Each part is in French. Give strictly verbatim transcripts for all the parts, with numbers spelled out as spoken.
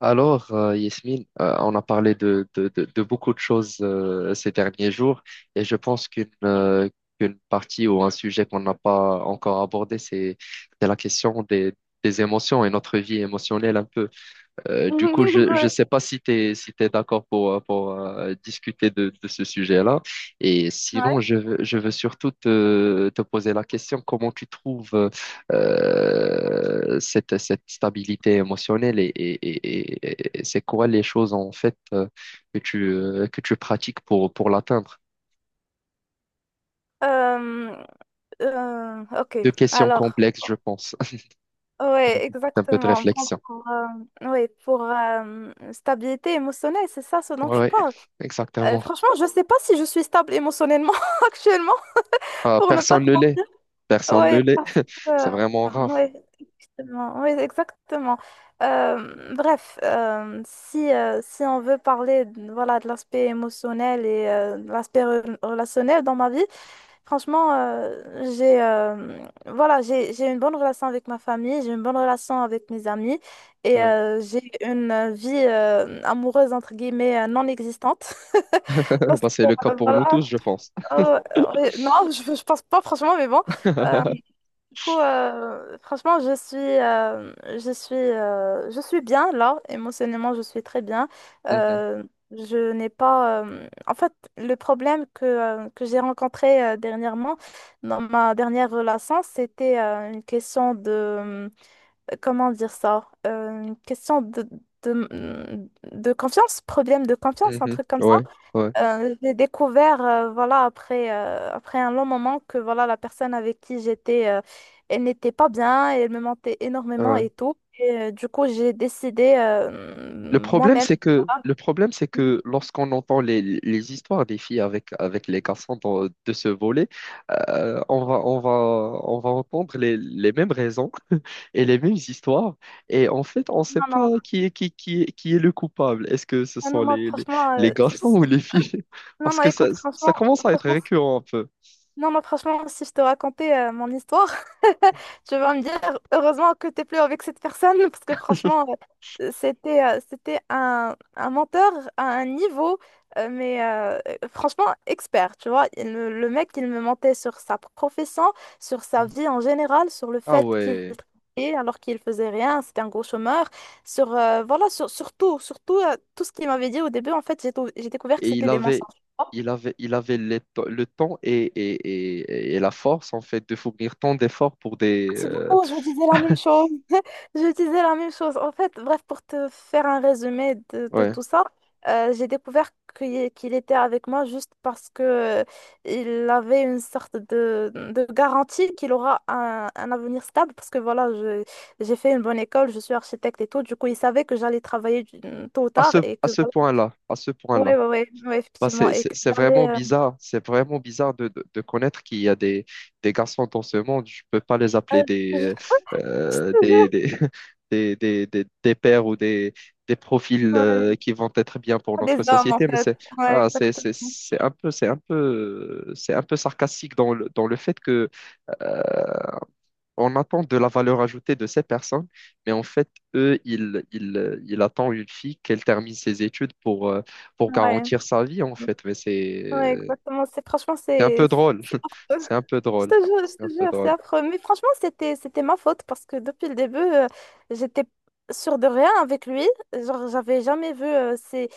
Alors, euh, Yasmine, euh, on a parlé de, de, de, de beaucoup de choses euh, ces derniers jours et je pense qu'une euh, qu'une partie ou un sujet qu'on n'a pas encore abordé, c'est c'est la question des, des émotions et notre vie émotionnelle un peu. Euh, du coup, je ne Ouais, sais pas si tu es, si t'es d'accord pour, euh, pour euh, discuter de, de ce sujet-là. Et ouais. sinon, je, veux- je veux surtout te, te poser la question, comment tu trouves euh, cette, cette stabilité émotionnelle et, et, et, et- et c'est quoi les choses en fait euh, que tu, euh, que tu pratiques pour, pour l'atteindre? Euh, euh, ok. Deux questions Alors, complexes, je pense. ouais, Un peu de exactement. Bon, réflexion. pour, euh, ouais, pour euh, stabilité émotionnelle, c'est ça ce dont tu Oui, parles. Euh, exactement. Franchement, je sais pas si je suis stable émotionnellement actuellement, Ah, pour ne pas personne te ne l'est. mentir. Personne ne Ouais, l'est. parce que, C'est euh, vraiment rare. ouais, exactement. Ouais, exactement. Euh, bref, euh, si, euh, si on veut parler, voilà, de l'aspect émotionnel et euh, de l'aspect re- relationnel dans ma vie. Franchement, euh, j'ai euh, voilà, j'ai, j'ai une bonne relation avec ma famille, j'ai une bonne relation avec mes amis et Ouais. euh, j'ai une euh, vie euh, amoureuse entre guillemets euh, non existante Eh parce que ben, c'est le cas euh, pour nous voilà tous, je pense. euh, ouais, non je, je pense pas franchement mais bon euh, du coup, euh, franchement, je suis, euh, je suis, euh, je suis bien là, émotionnellement, je suis très bien. Mhm, Euh, je n'ai pas. Euh, en fait, le problème que, euh, que j'ai rencontré euh, dernièrement dans ma dernière relation, c'était euh, une question de. euh, Comment dire ça? Euh, une question de, de, de confiance, problème de confiance, un mhm. truc comme ça. Ouais, ouais, Euh, j'ai découvert, euh, voilà, après, euh, après un long moment que voilà, la personne avec qui j'étais, euh, elle n'était pas bien, elle me mentait énormément ouais. et tout. Et euh, du coup, j'ai décidé Le euh, problème, moi-même. c'est que Voilà. le problème, c'est Non, que lorsqu'on entend les, les histoires des filles avec, avec les garçons dans- de ce volet, euh, on va, on va, on va entendre les, les mêmes raisons et les mêmes histoires. Et en fait, on ne sait non. pas qui est, qui, qui, est- qui est le coupable. Est-ce que ce Ah, sont non, non, les, les, franchement, les euh, garçons ou c'est- les filles? non, Parce non, que ça, écoute, ça franchement, commence à être franchement, récurrent un peu. non, moi, franchement, si je te racontais euh, mon histoire, tu vas me dire heureusement que t'es plus avec cette personne, parce que franchement, euh, c'était euh, c'était un, un menteur à un niveau, euh, mais euh, euh, franchement, expert, tu vois. Il me- le mec, il me mentait sur sa profession, sur sa vie en général, sur le Ah fait qu'il ouais. travaillait alors qu'il faisait rien, c'était un gros chômeur, sur, euh, voilà, sur, sur tout, sur tout, euh, tout ce qu'il m'avait dit au début, en fait, j'ai, tou- j'ai découvert que Et il c'était des avait, mensonges. il avait, il avait les to- le temps et, et, et, et la force, en fait, de fournir tant d'efforts pour des... C'est euh, beaucoup, je vous disais la même chose. Je disais la même chose. En fait, bref, pour te faire un résumé de, de ouais, tout ça, euh, j'ai découvert qu'il qu'il était avec moi juste parce que euh, il avait une sorte de, de garantie qu'il aura un, un avenir stable. Parce que voilà, je- j'ai fait une bonne école, je suis architecte et tout. Du coup, il savait que j'allais travailler du- tôt ou à tard ce, et à que ce voilà. point-là, à ce Oui, point-là. oui, oui, Bah, effectivement. c'est Et c'est- que c'est j'allais. vraiment euh, bizarre. C'est vraiment bizarre de, de, de connaître qu'il y a des, des garçons dans ce monde. Je peux pas les appeler euh, des, euh, je- des, je- des, des, des, des, des pères ou des, des profils euh, ouais. qui vont être bien pour notre Des hommes, en société. Mais fait. c'est Ouais, ah, c'est c'est- exactement. c'est un peu, c'est un peu, c'est un peu sarcastique dans le, dans le fait que euh, on attend de la valeur ajoutée de ces personnes, mais en fait, eux, ils, ils, euh, ils attendent une fille qu'elle termine ses études pour, euh, pour Ouais. garantir sa vie, en fait. Mais c'est Ouais, euh, exactement. C'est franchement, c'est un c'est peu drôle. c'est affreux. C'est un peu Je drôle. te jure, je C'est un te peu jure, c'est drôle. affreux. Mais franchement, c'était c'était ma faute parce que depuis le début, euh, j'étais sûre de rien avec lui. Genre, j'avais jamais vu euh, ces,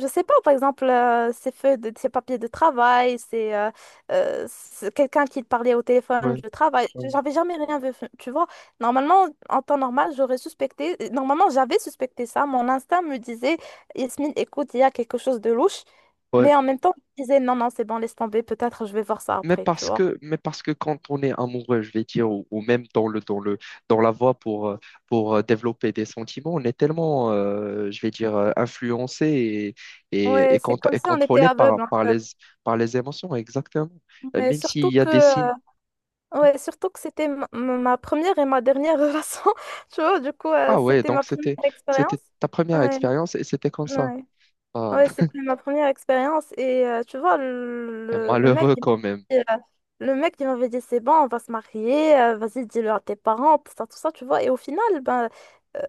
je sais pas, par exemple, euh, ces feuilles de, ces papiers de travail, c'est euh, euh, c'est quelqu'un qui parlait au téléphone Ouais, du travail. ouais. J'avais jamais rien vu, tu vois. Normalement, en temps normal, j'aurais suspecté. Normalement, j'avais suspecté ça. Mon instinct me disait, Yasmine, écoute, il y a quelque chose de louche. Ouais. Mais en même temps, je disais, non, non, c'est bon, laisse tomber, peut-être je vais voir ça Mais après, tu parce vois. que, mais parce que quand on est amoureux, je vais dire, ou, ou même dans le, dans le, dans la voie pour, euh, pour euh, développer des sentiments, on est tellement, euh, je vais dire, euh, influencé et, et, et, Ouais, c'est cont- comme et si on était contrôlé aveugle, par, en par les, fait. par les émotions, exactement. Euh, Mais Même s'il surtout y a que, des signes. euh, ouais, surtout que c'était ma, ma première et ma dernière relation, tu vois, du coup, euh, Ah ouais, c'était ma donc première c'était, c'était expérience. ta première Ouais, expérience et c'était comme ça. ouais. Ah, Ouais, c'était ma première expérience et euh, tu vois, le, le- le mec, malheureux il quand même. m'avait dit, euh, le mec, il m'avait dit, c'est bon, on va se marier, euh, vas-y, dis-le à tes parents, tout ça, tout ça, tu vois. Et au final, ben, euh,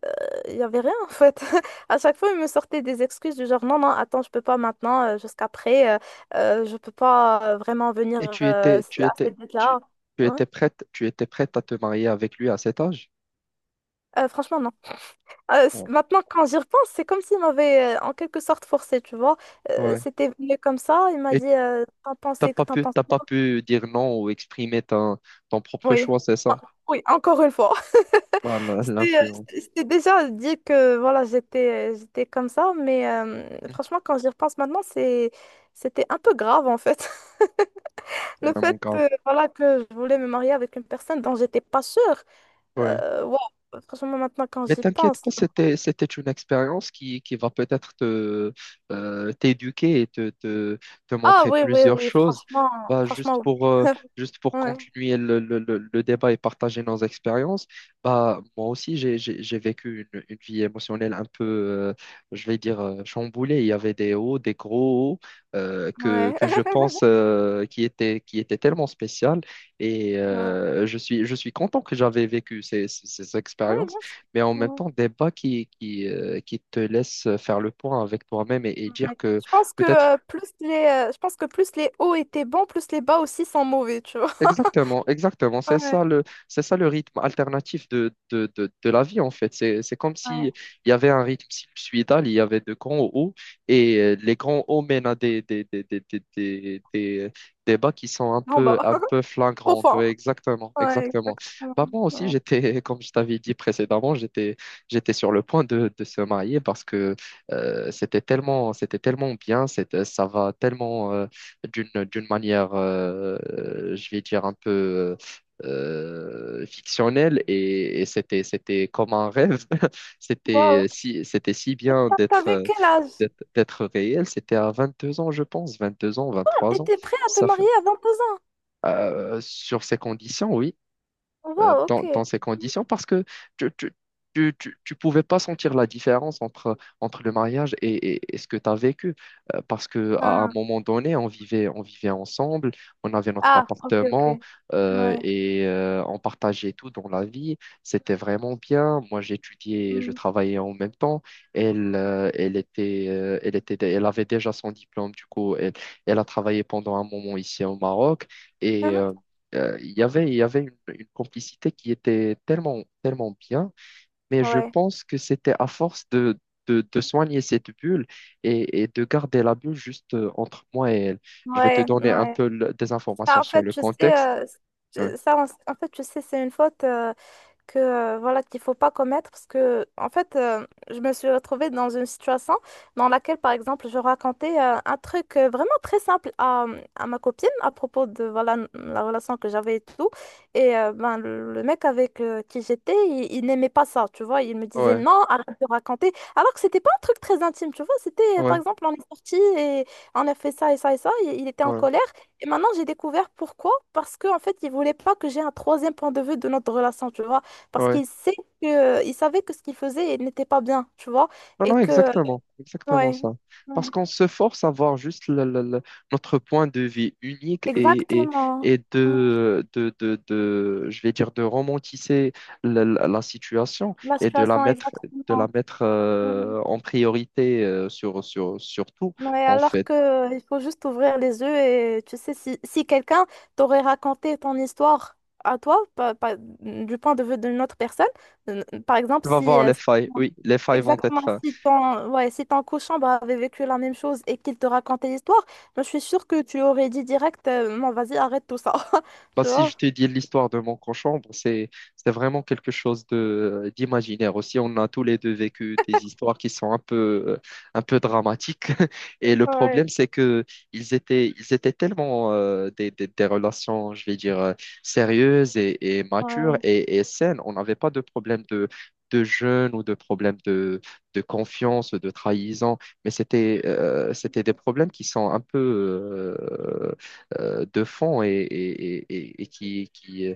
il n'y avait rien en fait. À chaque fois, il me sortait des excuses du genre, non, non, attends, je peux pas maintenant, euh, jusqu'après, euh, euh, je peux pas euh, vraiment venir Et tu euh, étais, tu à étais, cette tu, date-là. tu Ouais. étais prête, tu étais prête à te marier avec lui à cet âge? Euh, franchement, non. Euh, c'est- Ouais. Maintenant, quand j'y repense, c'est comme s'il m'avait euh, en quelque sorte forcé, tu vois. Euh, Ouais. C'était venu comme ça, il m'a Et dit euh, T'en T'as pensais, pas t'en pu, penses t'as quoi? pas pu dire non ou exprimer ton, ton propre Oui. choix, c'est En- ça? oui, encore une fois. Voilà, C'était euh, l'influence. C'était- c'était déjà dit que voilà, j'étais euh, j'étais comme ça, mais euh, franchement, quand j'y repense maintenant, c'est c'était un peu grave en fait. Le Vraiment fait euh, grave. voilà, que je voulais me marier avec une personne dont j'étais pas sûre. Ouais. Euh, ouais, franchement, maintenant, quand Mais j'y t'inquiète pense. pas, c'était, c'était une expérience qui, qui va peut-être te, euh, t'éduquer et te, te, te Ah montrer oui, oui, plusieurs oui, choses. franchement, Bah, juste franchement, pour, euh, juste pour oui. continuer le, le, le- le débat et partager nos expériences, bah, moi aussi, j'ai, j'ai, j'ai vécu une, une vie émotionnelle un peu, euh, je vais dire, euh, chamboulée. Il y avait des hauts, des gros hauts, euh, que, que je Ouais, pense euh, qui étaient, qui étaient tellement spéciales. Et ouais. Euh, je suis, je suis content que j'avais vécu ces, ces ces Oui, expériences bien sûr. mais en même Ouais. temps, des bas qui, qui, euh, qui te laissent faire le point avec toi-même et, et dire Ouais. que Je pense que peut-être euh, plus les, euh, je pense que plus les hauts étaient bons, plus les bas aussi sont mauvais, tu vois. exactement, exactement. C'est Ouais, ça le, c'est ça le rythme alternatif de, de, de, de la vie, en fait. C'est, c'est comme ouais. si il y avait un rythme sinusoïdal, il y avait de grands hauts, et euh, les grands hauts mènent à des, des, des, des, des, des, des- des bas qui sont un En bas, peu, un peu au flagrantes. fond. Ouais, exactement, Ouais, exactement. exactement. Bah, moi aussi, Ouais. j'étais, comme je t'avais dit précédemment, j'étais, j'étais sur le point de, de se marier parce que euh, c'était tellement, c'était tellement bien, c'était, ça va tellement. Euh, d'une d'une manière, euh, je vais dire, un peu euh, fictionnelle et, et c'était, c'était comme un rêve. C'était Wow. si, c'était si Et bien t'a- d'être T'avais euh, quel âge? d'être d'être réel. C'était à vingt-deux ans, je pense, vingt-deux ans, vingt Ah, trois ans. t'étais prêt à te Ça fait, marier à vingt deux ans. euh, sur ces conditions, oui euh, Wow, dans, dans ok. ces conditions parce que tu, tu, tu, tu- tu pouvais pas sentir la différence entre, entre le mariage et, et- et ce que tu as vécu. Euh, parce que à un Ah, moment donné, on vivait, on vivait ensemble, on avait notre ah, ok, ok. appartement euh, Ouais. et euh, on partageait tout dans la vie. C'était vraiment bien. Moi, j'étudiais, je Hmm. travaillais en même temps. Elle, euh, elle était, euh, elle était, elle avait déjà son diplôme, du coup, elle, elle a travaillé pendant un moment ici au Maroc et Hein? euh, euh, il y avait, il y avait une, une complicité qui était tellement, tellement bien, mais je Ouais, pense que c'était à force de, de, de soigner cette bulle et, et de garder la bulle juste euh, entre moi et elle. Je vais te ouais, donner un ouais. peu le- des Ça, informations en sur fait, le je sais, contexte. euh, Ouais, je- ça, en en fait, je sais, c'est une faute, euh, que euh, voilà qu'il faut pas commettre parce que en fait euh, je me suis retrouvée dans une situation dans laquelle par exemple je racontais euh, un truc euh, vraiment très simple à, à ma copine à propos de voilà n- la relation que j'avais et tout. Et euh, ben le le mec avec euh, qui j'étais, il, il n'aimait pas ça, tu vois. Il me disait ouais, non, arrête de raconter, alors que c'était pas un truc très intime, tu vois. C'était euh, par ouais, exemple, on est sorti et on a fait ça et ça et ça, et il était en ouais. colère. Et maintenant j'ai découvert pourquoi, parce que en fait il voulait pas que j'ai un troisième point de vue de notre relation, tu vois, parce Ouais. qu'il sait que, il savait que ce qu'il faisait n'était pas bien, tu vois. Non, Et non, que, exactement, exactement ouais, ça. Parce ouais. qu'on se force à voir juste le- le- le- notre point de vue unique et, et, Exactement. et Non. de, de, de, de- je vais dire, de romantiser la, la- la situation La et de la situation, mettre, de la exactement. mettre euh, en priorité euh, sur, sur, sur tout, Ouais, en alors fait. que euh, il faut juste ouvrir les yeux, et tu sais, si, si quelqu'un t'aurait raconté ton histoire à toi, pa- pa- du point de vue d'une autre personne, euh, par exemple, Tu vas si voir euh, les failles, oui, les failles vont exactement, être, si ton, ouais, si ton cochambre avait vécu la même chose et qu'il te racontait l'histoire, moi, je suis sûre que tu aurais dit direct, euh, non, vas-y, arrête tout ça. bah, Tu si vois? je te dis l'histoire de mon conchambre c'est c'est vraiment quelque chose de d'imaginaire aussi. On a tous les deux vécu des histoires qui sont un peu euh, un peu dramatiques. Et le Ouais. problème, c'est que ils étaient ils étaient tellement euh, des, des, des relations, je vais dire, euh, sérieuses et, et matures Ouais. et, et saines. On n'avait pas de problème de de jeûne ou de problème de, de confiance, de trahison, mais c'était euh, c'était des problèmes qui sont un peu euh, euh, de fond et, et- et- et et qui, qui, euh,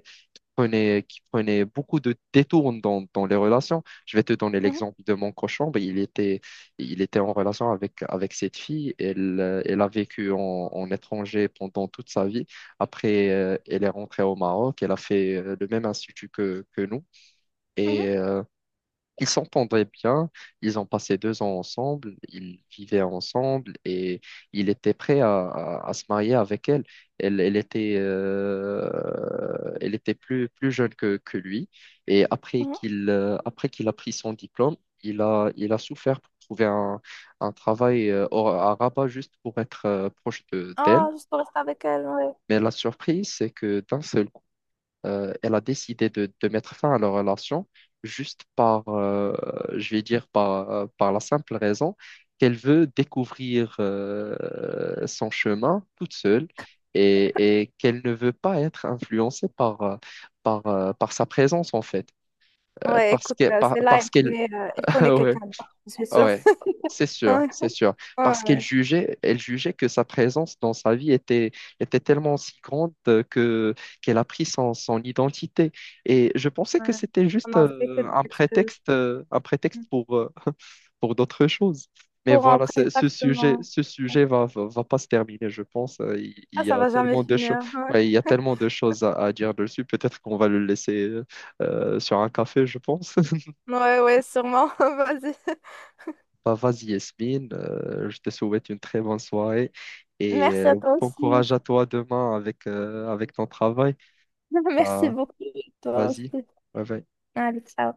prenait, qui prenait beaucoup de détours dans, dans les relations. Je vais te donner Mhm, l'exemple de mon cochon. Ben, il était, il était en relation avec, avec cette fille. Elle, euh, elle a vécu en, en étranger pendant toute sa vie. Après, euh, elle est rentrée au Maroc. Elle a fait euh, le même institut que, que nous. mhm, Et euh, Ils s'entendaient bien, ils ont passé deux ans ensemble, ils vivaient ensemble et il était prêt à, à- à se marier avec elle. Elle, elle était, euh, elle était plus, plus jeune que, que lui et après mhm. qu'il euh, après qu'il a pris son diplôme, il a, il a souffert pour trouver un, un travail euh, au- à Rabat juste pour être euh, proche de, d'elle. Ah, juste pour rester avec elle, ouais. Mais la surprise, c'est que d'un seul euh, elle a décidé de, de mettre fin à leur relation juste par, euh, je vais dire, par, euh, par la simple raison qu'elle veut découvrir euh, son chemin toute seule et, et qu'elle ne veut pas être influencée par, euh, par, euh, par sa présence, en fait. Euh, Ouais, parce écoute, que, euh, par- c'est là, Parce elle qu'elle... connaît, euh, elle connaît Ouais. quelqu'un d'autre, je suis sûre. Ouais, c'est sûr, Ouais. c'est sûr. Ouais, Parce qu'elle ouais. jugeait, elle jugeait que sa présence dans sa vie était, était tellement si grande euh, que qu'elle a pris son, son identité. Et je pensais que Voilà. c'était juste Non, non, c'est que euh, des un excuses. prétexte, euh, un prétexte Mm. pour, euh, pour d'autres choses. Mais Pour voilà, rentrer, c'est- ce sujet, exactement. ce sujet va, va, va pas se terminer, je pense. Euh, Il, il Ah, y ça a va jamais tellement de choses, finir. Ouais, il y a tellement de choses à, à dire dessus. Peut-être qu'on va le laisser euh, sur un café, je pense. ouais, ouais, sûrement. Vas-y. Bah, vas-y Yasmine, Euh, je te souhaite une très bonne soirée et Merci à euh, toi bon aussi. courage à toi demain avec, euh, avec ton travail. Merci Bah, beaucoup. Toi vas-y, aussi. bye bye. Allez, ciao.